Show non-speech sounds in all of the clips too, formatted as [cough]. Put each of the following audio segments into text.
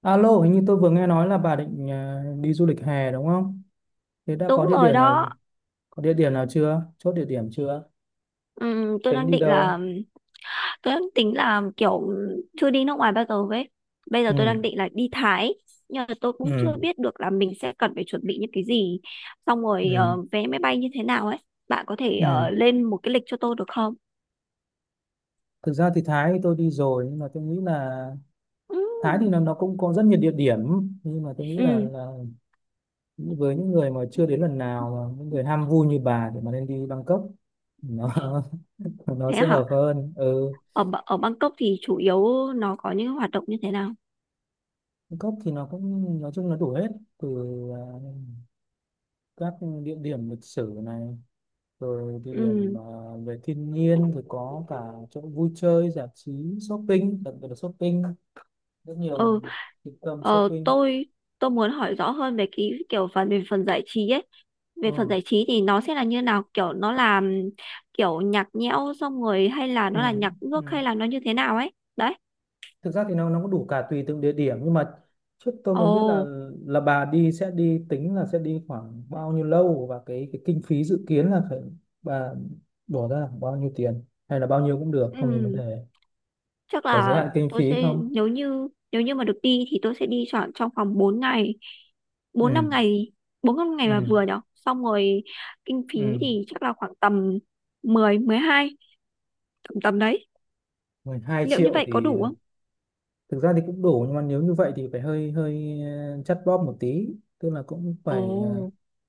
Alo, hình như tôi vừa nghe nói là bà định đi du lịch hè đúng không? Thế đã có Đúng địa rồi điểm nào đó. có địa điểm nào chưa? Chốt địa điểm chưa? Ừm, tôi Tính đang đi định là đâu? tôi đang tính là kiểu chưa đi nước ngoài bao giờ ấy. Bây giờ tôi Ừ, đang định là đi Thái nhưng mà tôi ừ, cũng chưa biết được là mình sẽ cần phải chuẩn bị những cái gì xong rồi ừ, vé máy bay như thế nào ấy. Bạn có thể ừ. Lên một cái lịch cho tôi được không? Thực ra thì Thái thì tôi đi rồi, nhưng mà tôi nghĩ là Thái thì Ừm. nó cũng có rất nhiều địa điểm, nhưng mà tôi nghĩ là, Ừm. là với những người mà chưa đến lần nào, mà những người ham vui như bà thì mà nên đi Bangkok, nó [laughs] nó Thế sẽ hả? hợp hơn. Ừ, Ở ở Bangkok thì chủ yếu nó có những hoạt động như thế nào? Bangkok thì nó cũng nói chung nó đủ hết, từ à, các địa điểm lịch sử này, rồi địa Ừm. điểm về thiên nhiên thì có cả chỗ vui chơi giải trí, shopping, đặc biệt là shopping, rất nhiều Ừ. trung tâm Ờ, shopping. tôi tôi muốn hỏi rõ hơn về cái kiểu phần về phần giải trí ấy, về phần Ừ. giải trí thì nó sẽ là như nào, kiểu nó là kiểu nhạc nhẽo xong rồi hay là Ừ. nó là nhạc nước Ừ. hay là nó như thế nào ấy đấy. Thực ra thì nó cũng đủ cả tùy từng địa điểm, nhưng mà trước tôi Ồ. muốn biết là bà đi sẽ đi tính là sẽ đi khoảng bao nhiêu lâu, và cái kinh phí dự kiến là phải bà bỏ ra là khoảng bao nhiêu tiền, hay là bao nhiêu cũng được không thành vấn ừm, đề, chắc có giới là hạn kinh phí tôi sẽ không. Nếu như mà được đi thì tôi sẽ đi chọn trong vòng 4 ngày, bốn Ừ. năm ngày, là Ừ. vừa nhở. Xong rồi kinh phí Ừ. thì chắc là khoảng tầm mười, mười hai, tầm tầm đấy, mười hai liệu như triệu vậy có thì đủ không? thực ra thì cũng đủ, nhưng mà nếu như vậy thì phải hơi hơi chắt bóp một tí, tức là cũng Ồ. phải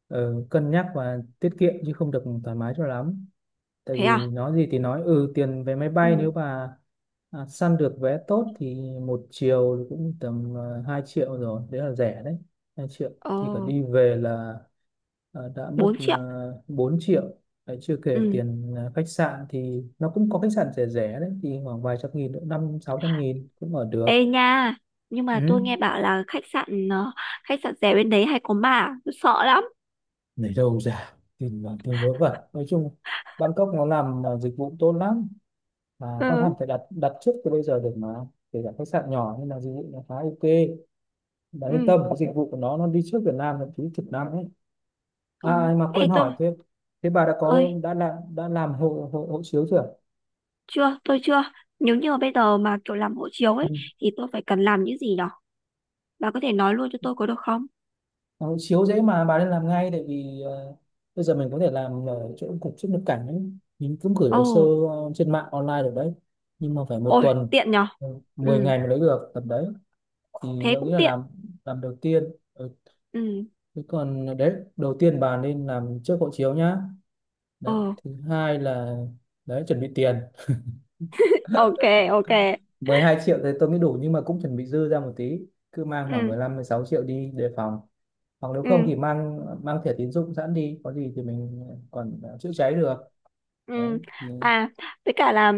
cân nhắc và tiết kiệm, chứ không được thoải mái cho lắm. Tại Thế vì à? nói gì thì nói, ừ, tiền vé máy bay Ừ. nếu mà săn được vé tốt thì một chiều thì cũng tầm 2 triệu rồi, đấy là rẻ đấy. 2 triệu Ồ. thì cả đi về là đã mất Bốn triệu. 4 triệu. Đấy, chưa kể Ừ. tiền khách sạn thì nó cũng có khách sạn rẻ rẻ đấy, thì khoảng vài trăm nghìn nữa, 500 600 nghìn cũng ở được. Ê nha, nhưng mà Ừ. tôi nghe bảo là khách sạn rẻ bên đấy hay có ma, à? Tôi sợ lắm. Lấy đâu ra, tìm là tìm vớ vẩn, nói chung Bangkok nó làm dịch vụ tốt lắm, mà con hẳn Ừ. phải đặt đặt trước từ bây giờ được mà, kể cả khách sạn nhỏ nhưng là dịch vụ nó khá ok. Bạn yên Ừ. tâm, cái dịch vụ của nó đi trước Việt Nam thậm chí chục năm ấy. Ừ. À mà Ê quên hỏi, tôi thế thế bà đã có ơi, đã làm hộ hộ, hộ chiếu chưa? chưa, tôi chưa. Nếu như mà bây giờ mà kiểu làm hộ chiếu ấy thì tôi phải cần làm những gì nhở? Bà có thể nói luôn cho tôi có được không? Đó, chiếu dễ mà, bà nên làm ngay, tại vì bây giờ mình có thể làm ở chỗ cục xuất nhập cảnh ấy. Mình cũng gửi Ồ. hồ sơ trên mạng online được đấy, nhưng mà phải một Ôi, tuần, tiện nhở. ừ, 10 Ừ, ngày mới lấy được tầm đấy. Thì thế tôi nghĩ cũng là tiện. Làm đầu tiên. Ừ. Ừ. Thế còn đấy, đầu tiên bà nên làm trước hộ chiếu nhá, Ồ. đấy thứ hai là đấy chuẩn bị tiền. Ok. Ok. 12 triệu thì tôi nghĩ đủ, nhưng mà cũng chuẩn bị dư ra một tí, cứ mang khoảng Ừ. 15 16 triệu đi đề phòng, hoặc nếu không Ừ. thì mang mang thẻ tín dụng sẵn đi, có gì thì mình còn chữa cháy được. Ừ. Đấy thì À, với cả là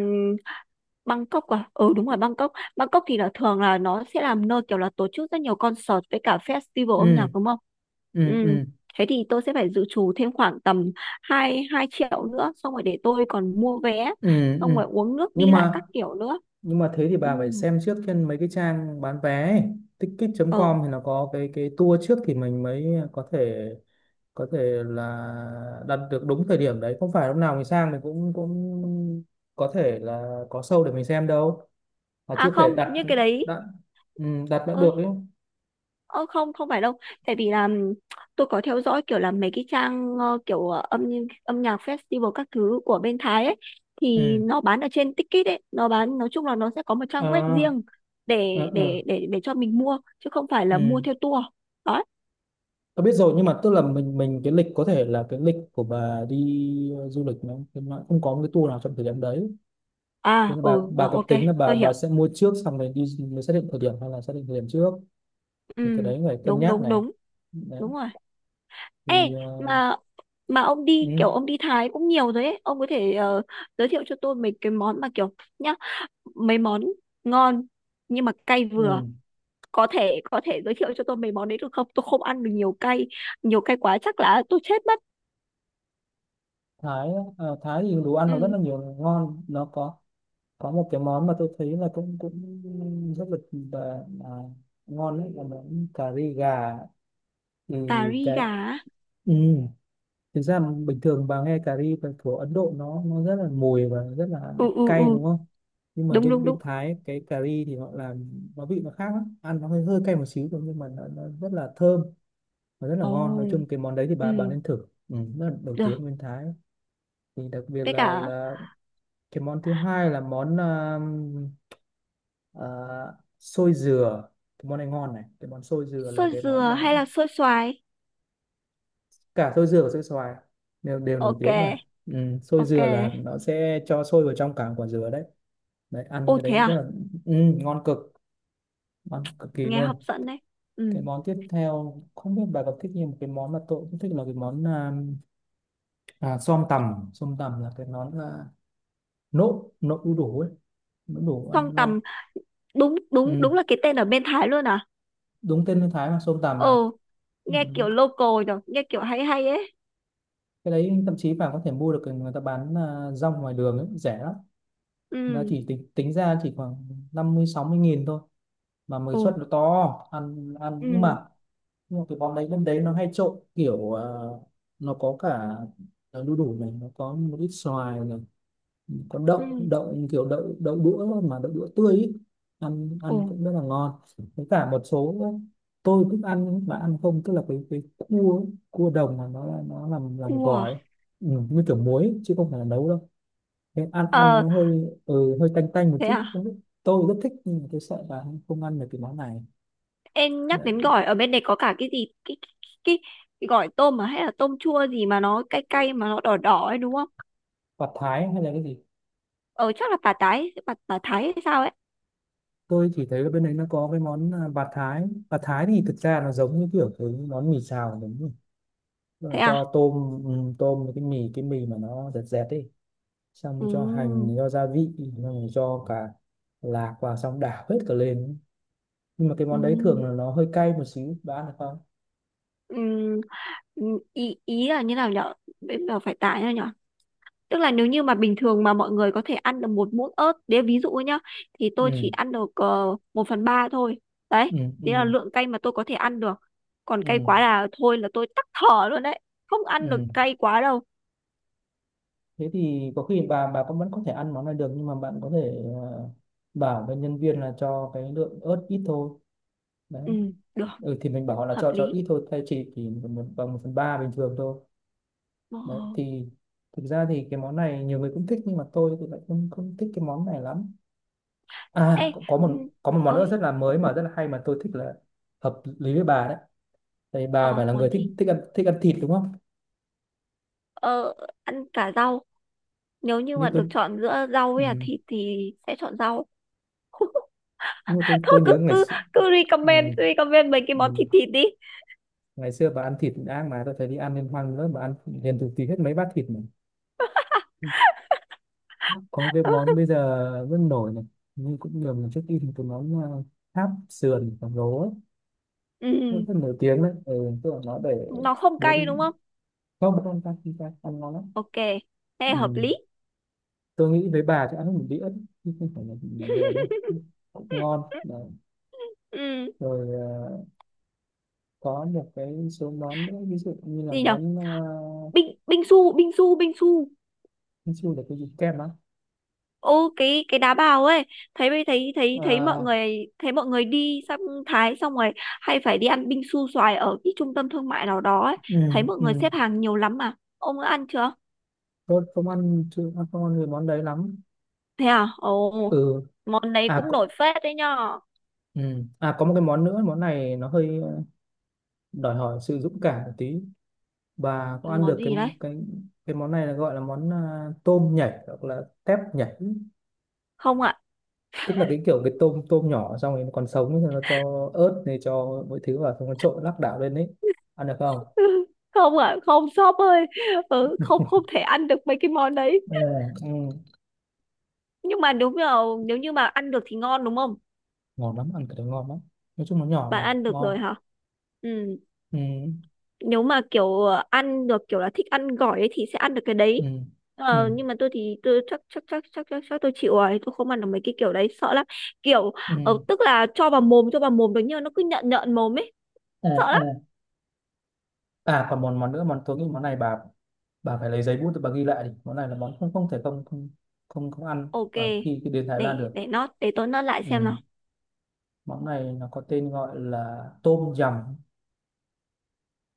Bangkok à? Ừ, đúng rồi, Bangkok. Bangkok thì là thường là nó sẽ làm nơi kiểu là tổ chức rất nhiều concert với cả festival âm ừ. nhạc đúng không? Ừ. Ừ. Ừ. Thế thì tôi sẽ phải dự trù thêm khoảng tầm 2 2 triệu nữa xong rồi để tôi còn mua vé Ừ. xong Ừ. rồi uống nước Nhưng đi lại mà các kiểu nữa. nhưng mà thế thì Ừ. bà phải xem trước trên mấy cái trang bán vé ấy. Ờ. Ticket.com thì nó có cái tour trước thì mình mới có thể là đặt được đúng thời điểm đấy, không phải lúc nào mình sang mình cũng cũng có thể là có show để mình xem đâu, mà À chưa thể không, đặt như cái đấy. đặt, ừ, đặt đã được Ơi. ấy. Ờ, không không phải đâu, tại vì là tôi có theo dõi kiểu là mấy cái trang kiểu âm âm nhạc festival các thứ của bên Thái ấy, thì Ừ. nó bán ở trên Ticket ấy, nó bán nói chung là nó sẽ có một trang web À. riêng À. Để cho mình mua chứ không phải là mua Ừ. theo tour đó. Tôi biết rồi, nhưng mà tức là mình cái lịch có thể là cái lịch của bà đi du lịch nó không có một cái tour nào trong thời điểm đấy, thế À. là bà Ừ. bà Rồi, có ok, tính là bà tôi bà hiểu. sẽ mua trước xong rồi đi mới xác định thời điểm, hay là xác định thời điểm trước, thì cái Ừ, đấy phải cân đúng nhắc đúng này. đúng, Đấy đúng rồi. Ê, thì mà mà ừ, ông đi Thái cũng nhiều rồi ấy, ông có thể giới thiệu cho tôi mấy cái món mà kiểu nhá, mấy món ngon nhưng mà cay vừa, ừ. Có thể giới thiệu cho tôi mấy món đấy được không? Tôi không ăn được nhiều cay, nhiều cay quá chắc là tôi chết mất. Thái á, Thái thì đồ ăn nó rất Ừ. là nhiều ngon, nó có một cái món mà tôi thấy là cũng cũng rất là ngon, đấy là món cà ri gà. Ừ, Cà ri cái gà á? ừ. Thực ra mà bình thường bà nghe cà ri của Ấn Độ nó rất là mùi và rất là Ừ ừ cay ừ, đúng không, nhưng mà đúng bên đúng bên đúng. Thái cái cà ri thì họ làm nó vị nó khác lắm, ăn nó hơi hơi cay một xíu thôi, nhưng mà nó rất là thơm và rất là Ồ. ngon. Nói chung cái món đấy thì bà Ừ, nên thử, ừ, rất là nổi tiếng được. ở bên Thái. Thì đặc biệt Với cả là cái món thứ hai là món à, xôi dừa. Cái món này ngon này, cái món xôi dừa là xôi cái món dừa mà hay là xôi xoài? cả xôi dừa và xôi xoài đều đều nổi Ok. tiếng cả. Ừ, xôi Ok. dừa là nó sẽ cho xôi vào trong cả quả dừa đấy. Đấy ăn Ô, cái thế đấy rất à? là, ừ, ngon cực, ngon cực kỳ Nghe hấp luôn. dẫn đấy. Ừ. Cái món tiếp theo không biết bà có thích như một cái món mà tôi cũng thích là cái món xom tằm, xom tằm là cái món là nộm nộm đu đủ ấy, nộm đu đủ Song ăn ngon. tầm, đúng đúng Ừ, đúng, là cái tên ở bên Thái luôn à? đúng tên người Thái mà, xom tằm mà. Ồ, Ừ. nghe kiểu local rồi, nghe kiểu hay hay ấy. Cái đấy thậm chí bà có thể mua được, người ta bán rong ngoài đường ấy, rẻ lắm, nó Ừ. chỉ tính tính ra chỉ khoảng 50 60 nghìn thôi, mà mới Ồ. suất nó to. Ăn ăn nhưng Ừ. mà, nhưng mà cái món đấy bên đấy nó hay trộn kiểu nó có cả đu đủ này, nó có một ít xoài này, có Ừ. đậu đậu kiểu đậu đậu đũa thôi mà đậu đũa tươi ý. Ăn Ồ, ăn cũng rất là ngon. Với cả một số tôi thích ăn mà ăn không, tức là cái cua, cua đồng mà nó làm cua à? gỏi ấy. Ừ, như kiểu muối chứ không phải là nấu đâu. Cái ăn ăn Ờ, nó hơi, ừ, hơi tanh tanh một thế chút à? không biết, tôi rất thích, nhưng mà tôi sợ là không ăn được cái món này. Em nhắc đến Đấy, gỏi, ở bên này có cả cái gì? Cái, cái gỏi tôm mà hay là tôm chua gì mà nó cay cay mà nó đỏ đỏ ấy đúng không? bạt thái hay là cái gì, Ờ, chắc là bà Thái hay sao ấy? tôi chỉ thấy ở bên đấy nó có cái món bạt thái. Bạt thái thì thực ra nó giống như kiểu cái món mì xào đúng không, tức là Thế à? cho tôm, ừ, tôm với cái mì mà nó dẹt dẹt ấy, xong Ừ, cho hành cho gia vị xong rồi cho cả lạc vào xong đảo hết cả lên. Nhưng mà cái ừ, món đấy thường là nó hơi cay một xíu, bạn ăn được không? ừ, ừ, ý là như nào nhở? Bây giờ phải tải nhở? Tức là nếu như mà bình thường mà mọi người có thể ăn được một muỗng ớt, đấy ví dụ ấy nhá, thì tôi chỉ Ừ. ăn được 1 phần 3 thôi. Đấy, Ừ. Ừ. đấy là lượng cay mà tôi có thể ăn được. Còn Ừ. cay quá là thôi là tôi tắc thở luôn đấy. Không ăn được Ừ. cay quá đâu. Thế thì có khi bà cũng vẫn có thể ăn món này được, nhưng mà bạn có thể bảo với nhân viên là cho cái lượng ớt ít thôi. Đấy, Ừ, được, ừ, thì mình bảo họ là hợp cho lý. ít thôi, thay chỉ thì một bằng 1/3 bình thường thôi. Ờ. Đấy thì thực ra thì cái món này nhiều người cũng thích, nhưng mà tôi thì lại không không thích cái món này lắm. À Ê. Ừ. Có một món nữa Ơi. rất là mới mà rất là hay mà tôi thích là hợp lý với bà đấy, tại bà phải Ờ, là món người thích gì? Thích ăn thịt đúng không, Ờ, ăn cả rau. Nếu như như mà tôi. được chọn giữa rau Ừ, với là thịt thì sẽ chọn rau. [laughs] nhưng mà tôi Thôi tôi cứ nhớ ngày cứ xưa, cứ ừ, recommend recommend mấy cái món thịt ừ, thịt đi. ngày xưa bà ăn thịt ác mà, tôi thấy đi ăn liên hoan nữa bà ăn liền từ tí hết mấy bát thịt mà. Có cái món [laughs] bây giờ rất nổi này, nhưng cũng nhiều lần trước đi thì cái món tháp sườn khổng lồ ấy rất, Ừ. rất nổi tiếng đấy, ừ, tức là nó để Nó không cay đúng bốn không? không bốn con ta khi ta ăn ngon lắm. Ok, thế hợp Ừ. lý. Tôi nghĩ với bà thì ăn hết một đĩa chứ không phải là nhiều đâu, cũng ngon. Đấy. Ừ. Rồi có một cái số món nữa, ví dụ như là Gì nhở? món Binh binh su, binh su, binh su. là cái gì, kem á. Ô, cái đá bào ấy. Thấy thấy thấy mọi À, người đi sang Thái xong rồi hay phải đi ăn binh su xoài ở cái trung tâm thương mại nào đó ấy, ừ, thấy mọi người ừ. xếp hàng nhiều lắm. Mà ông đã ăn chưa? Tôi không ăn, chưa ăn, không ăn cái món đấy lắm. Thế à? Ồ. Ừ, Món đấy à cũng có, nổi phết đấy nhở. ừ. À có một cái món nữa, món này nó hơi đòi hỏi sự dũng cảm một tí. Bà có ăn Món được gì đấy? cái cái món này là gọi là món tôm nhảy hoặc là tép nhảy, Không ạ. tức là cái kiểu cái tôm tôm nhỏ xong rồi nó còn sống thì nó cho ớt này cho mọi thứ vào xong nó trộn lắc đảo lên đấy. Ăn được không? [laughs] không ạ, không, shop ơi. Ừ, không không thể ăn được mấy cái món đấy. Ừ. Ừ, Nhưng mà nếu như mà ăn được thì ngon đúng không? ngon lắm, ăn cái đấy ngon lắm. Nói chung nó nhỏ Bạn mà, ăn được ngon. rồi hả? Ừ, Ừ, nếu mà kiểu ăn được kiểu là thích ăn gỏi ấy thì sẽ ăn được cái ừ, đấy. ừ, Nhưng mà tôi thì tôi chắc chắc chắc chắc chắc, chắc tôi chịu rồi, tôi không ăn được mấy cái kiểu đấy, sợ lắm. Kiểu ừ. Ừ. tức là cho vào mồm được nhưng mà nó cứ nhợn nhợn mồm ấy, sợ lắm. Ừ. À còn món món nữa, món tôi nghĩ món này bà phải lấy giấy bút để bà ghi lại đi, món này là món không không thể không không không, không ăn Ok, ở khi, khi đến Thái Lan được. để nó để tôi nó lại xem Ừ. nào. Món này nó có tên gọi là tôm yum,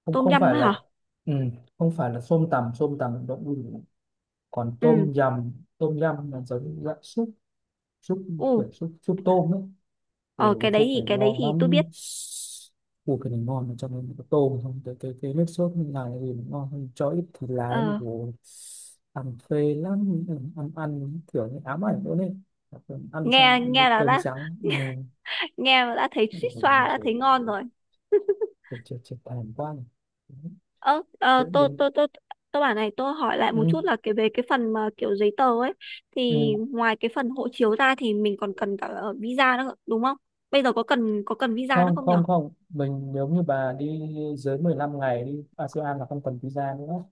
không Tôm không phải yum ấy là, hả? ừ, không phải là xôm tằm, xôm tằm động物. Còn tôm Ừ. yum, tôm yum là giống như dạng súp, súp, U. kiểu súp súp tôm ấy, Ờ, rồi cái thuốc này cái đấy ngon thì tôi lắm. biết. Ui cái này ngon mà, cho nên có tôm không cái cái nước sốt như này thì nó ngon hơn cho ít thịt lái thì Ờ, ủa, ăn phê lắm, ăn ăn kiểu như ám ảnh luôn đấy, ăn xong nghe ăn với nghe là cơm đã, trắng, ừ. nghe mà đã thấy Ui, suýt nó xoa, đã rồi thấy ngon rồi. [laughs] chết chết chết thèm quá này. ơ. Ờ, Tự nhiên tôi bảo này, tôi hỏi lại một ừ, chút là về cái phần mà kiểu giấy tờ ấy, thì ừ. ngoài cái phần hộ chiếu ra thì mình còn cần cả visa nữa đúng không? Bây giờ có cần visa nữa Không không nhở? không không, mình nếu như bà đi dưới 15 ngày đi ASEAN là không cần visa nữa.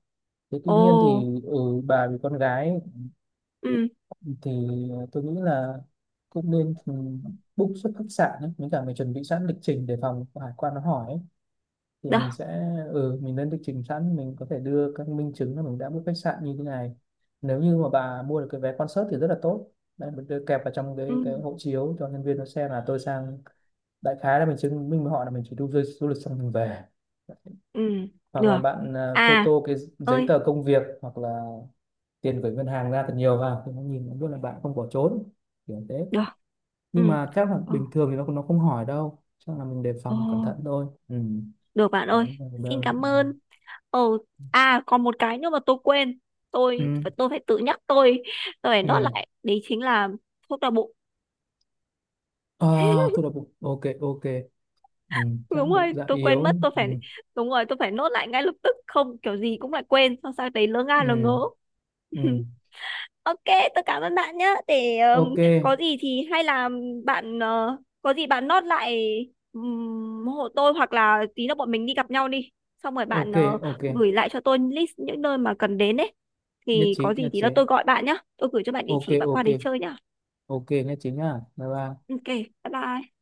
Thế tuy Ồ. nhiên thì, ừ, bà vì con gái Ừ, thì tôi nghĩ là cũng nên, ừ, book xuất khách sạn ấy. Với cả mình chuẩn bị sẵn lịch trình để phòng hải quan nó hỏi ấy. Thì được. mình sẽ, ừ, mình lên lịch trình sẵn, mình có thể đưa các minh chứng là mình đã book khách sạn như thế này, nếu như mà bà mua được cái vé concert thì rất là tốt. Đấy mình đưa kẹp vào trong Ừ. cái hộ chiếu cho nhân viên nó xem là tôi sang, đại khái là mình chứng minh với họ là mình chỉ đi du, du lịch xong mình về, Ừ, hoặc là được. bạn À. photo cái giấy Ơi. tờ công việc, hoặc là tiền gửi ngân hàng ra thật nhiều vào thì nó nhìn nó biết là bạn không bỏ trốn, kiểu thế. Được. Nhưng Ừ. mà chắc là Ồ. bình thường thì nó không hỏi đâu, chắc là mình đề Ồ, phòng cẩn thận thôi, ừ. được bạn ơi, Đấy là xin đơn. cảm ơn. Ừ. À, còn một cái nữa mà tôi quên, Ừ. Tôi phải tự nhắc tôi phải nốt Ừ. lại, đấy chính là thuốc đau bụng. À, tôi đọc bụng, ok ok. Ừ. [laughs] Chắc đúng bụng rồi, dạ tôi quên yếu. mất, tôi Ừ. phải đúng rồi tôi phải nốt lại ngay lập tức, không kiểu gì cũng lại quên xong sang đấy lỡ Ừ. ngớ. [laughs] Ừ. Ok, tôi cảm ơn bạn nhé. Để Ok. có gì thì hay là bạn có gì bạn nốt lại hộ tôi, hoặc là tí nữa bọn mình đi gặp nhau đi. Xong rồi bạn Ok. Ok gửi lại cho tôi list những nơi mà cần đến ấy. nhất Thì có trí, gì nhất thì trí, là tôi gọi bạn nhé. Tôi gửi cho bạn địa ok. chỉ bạn qua Ok. đấy chơi nhá. Ok nhất trí nhá, bye bye. Ok, bye bye.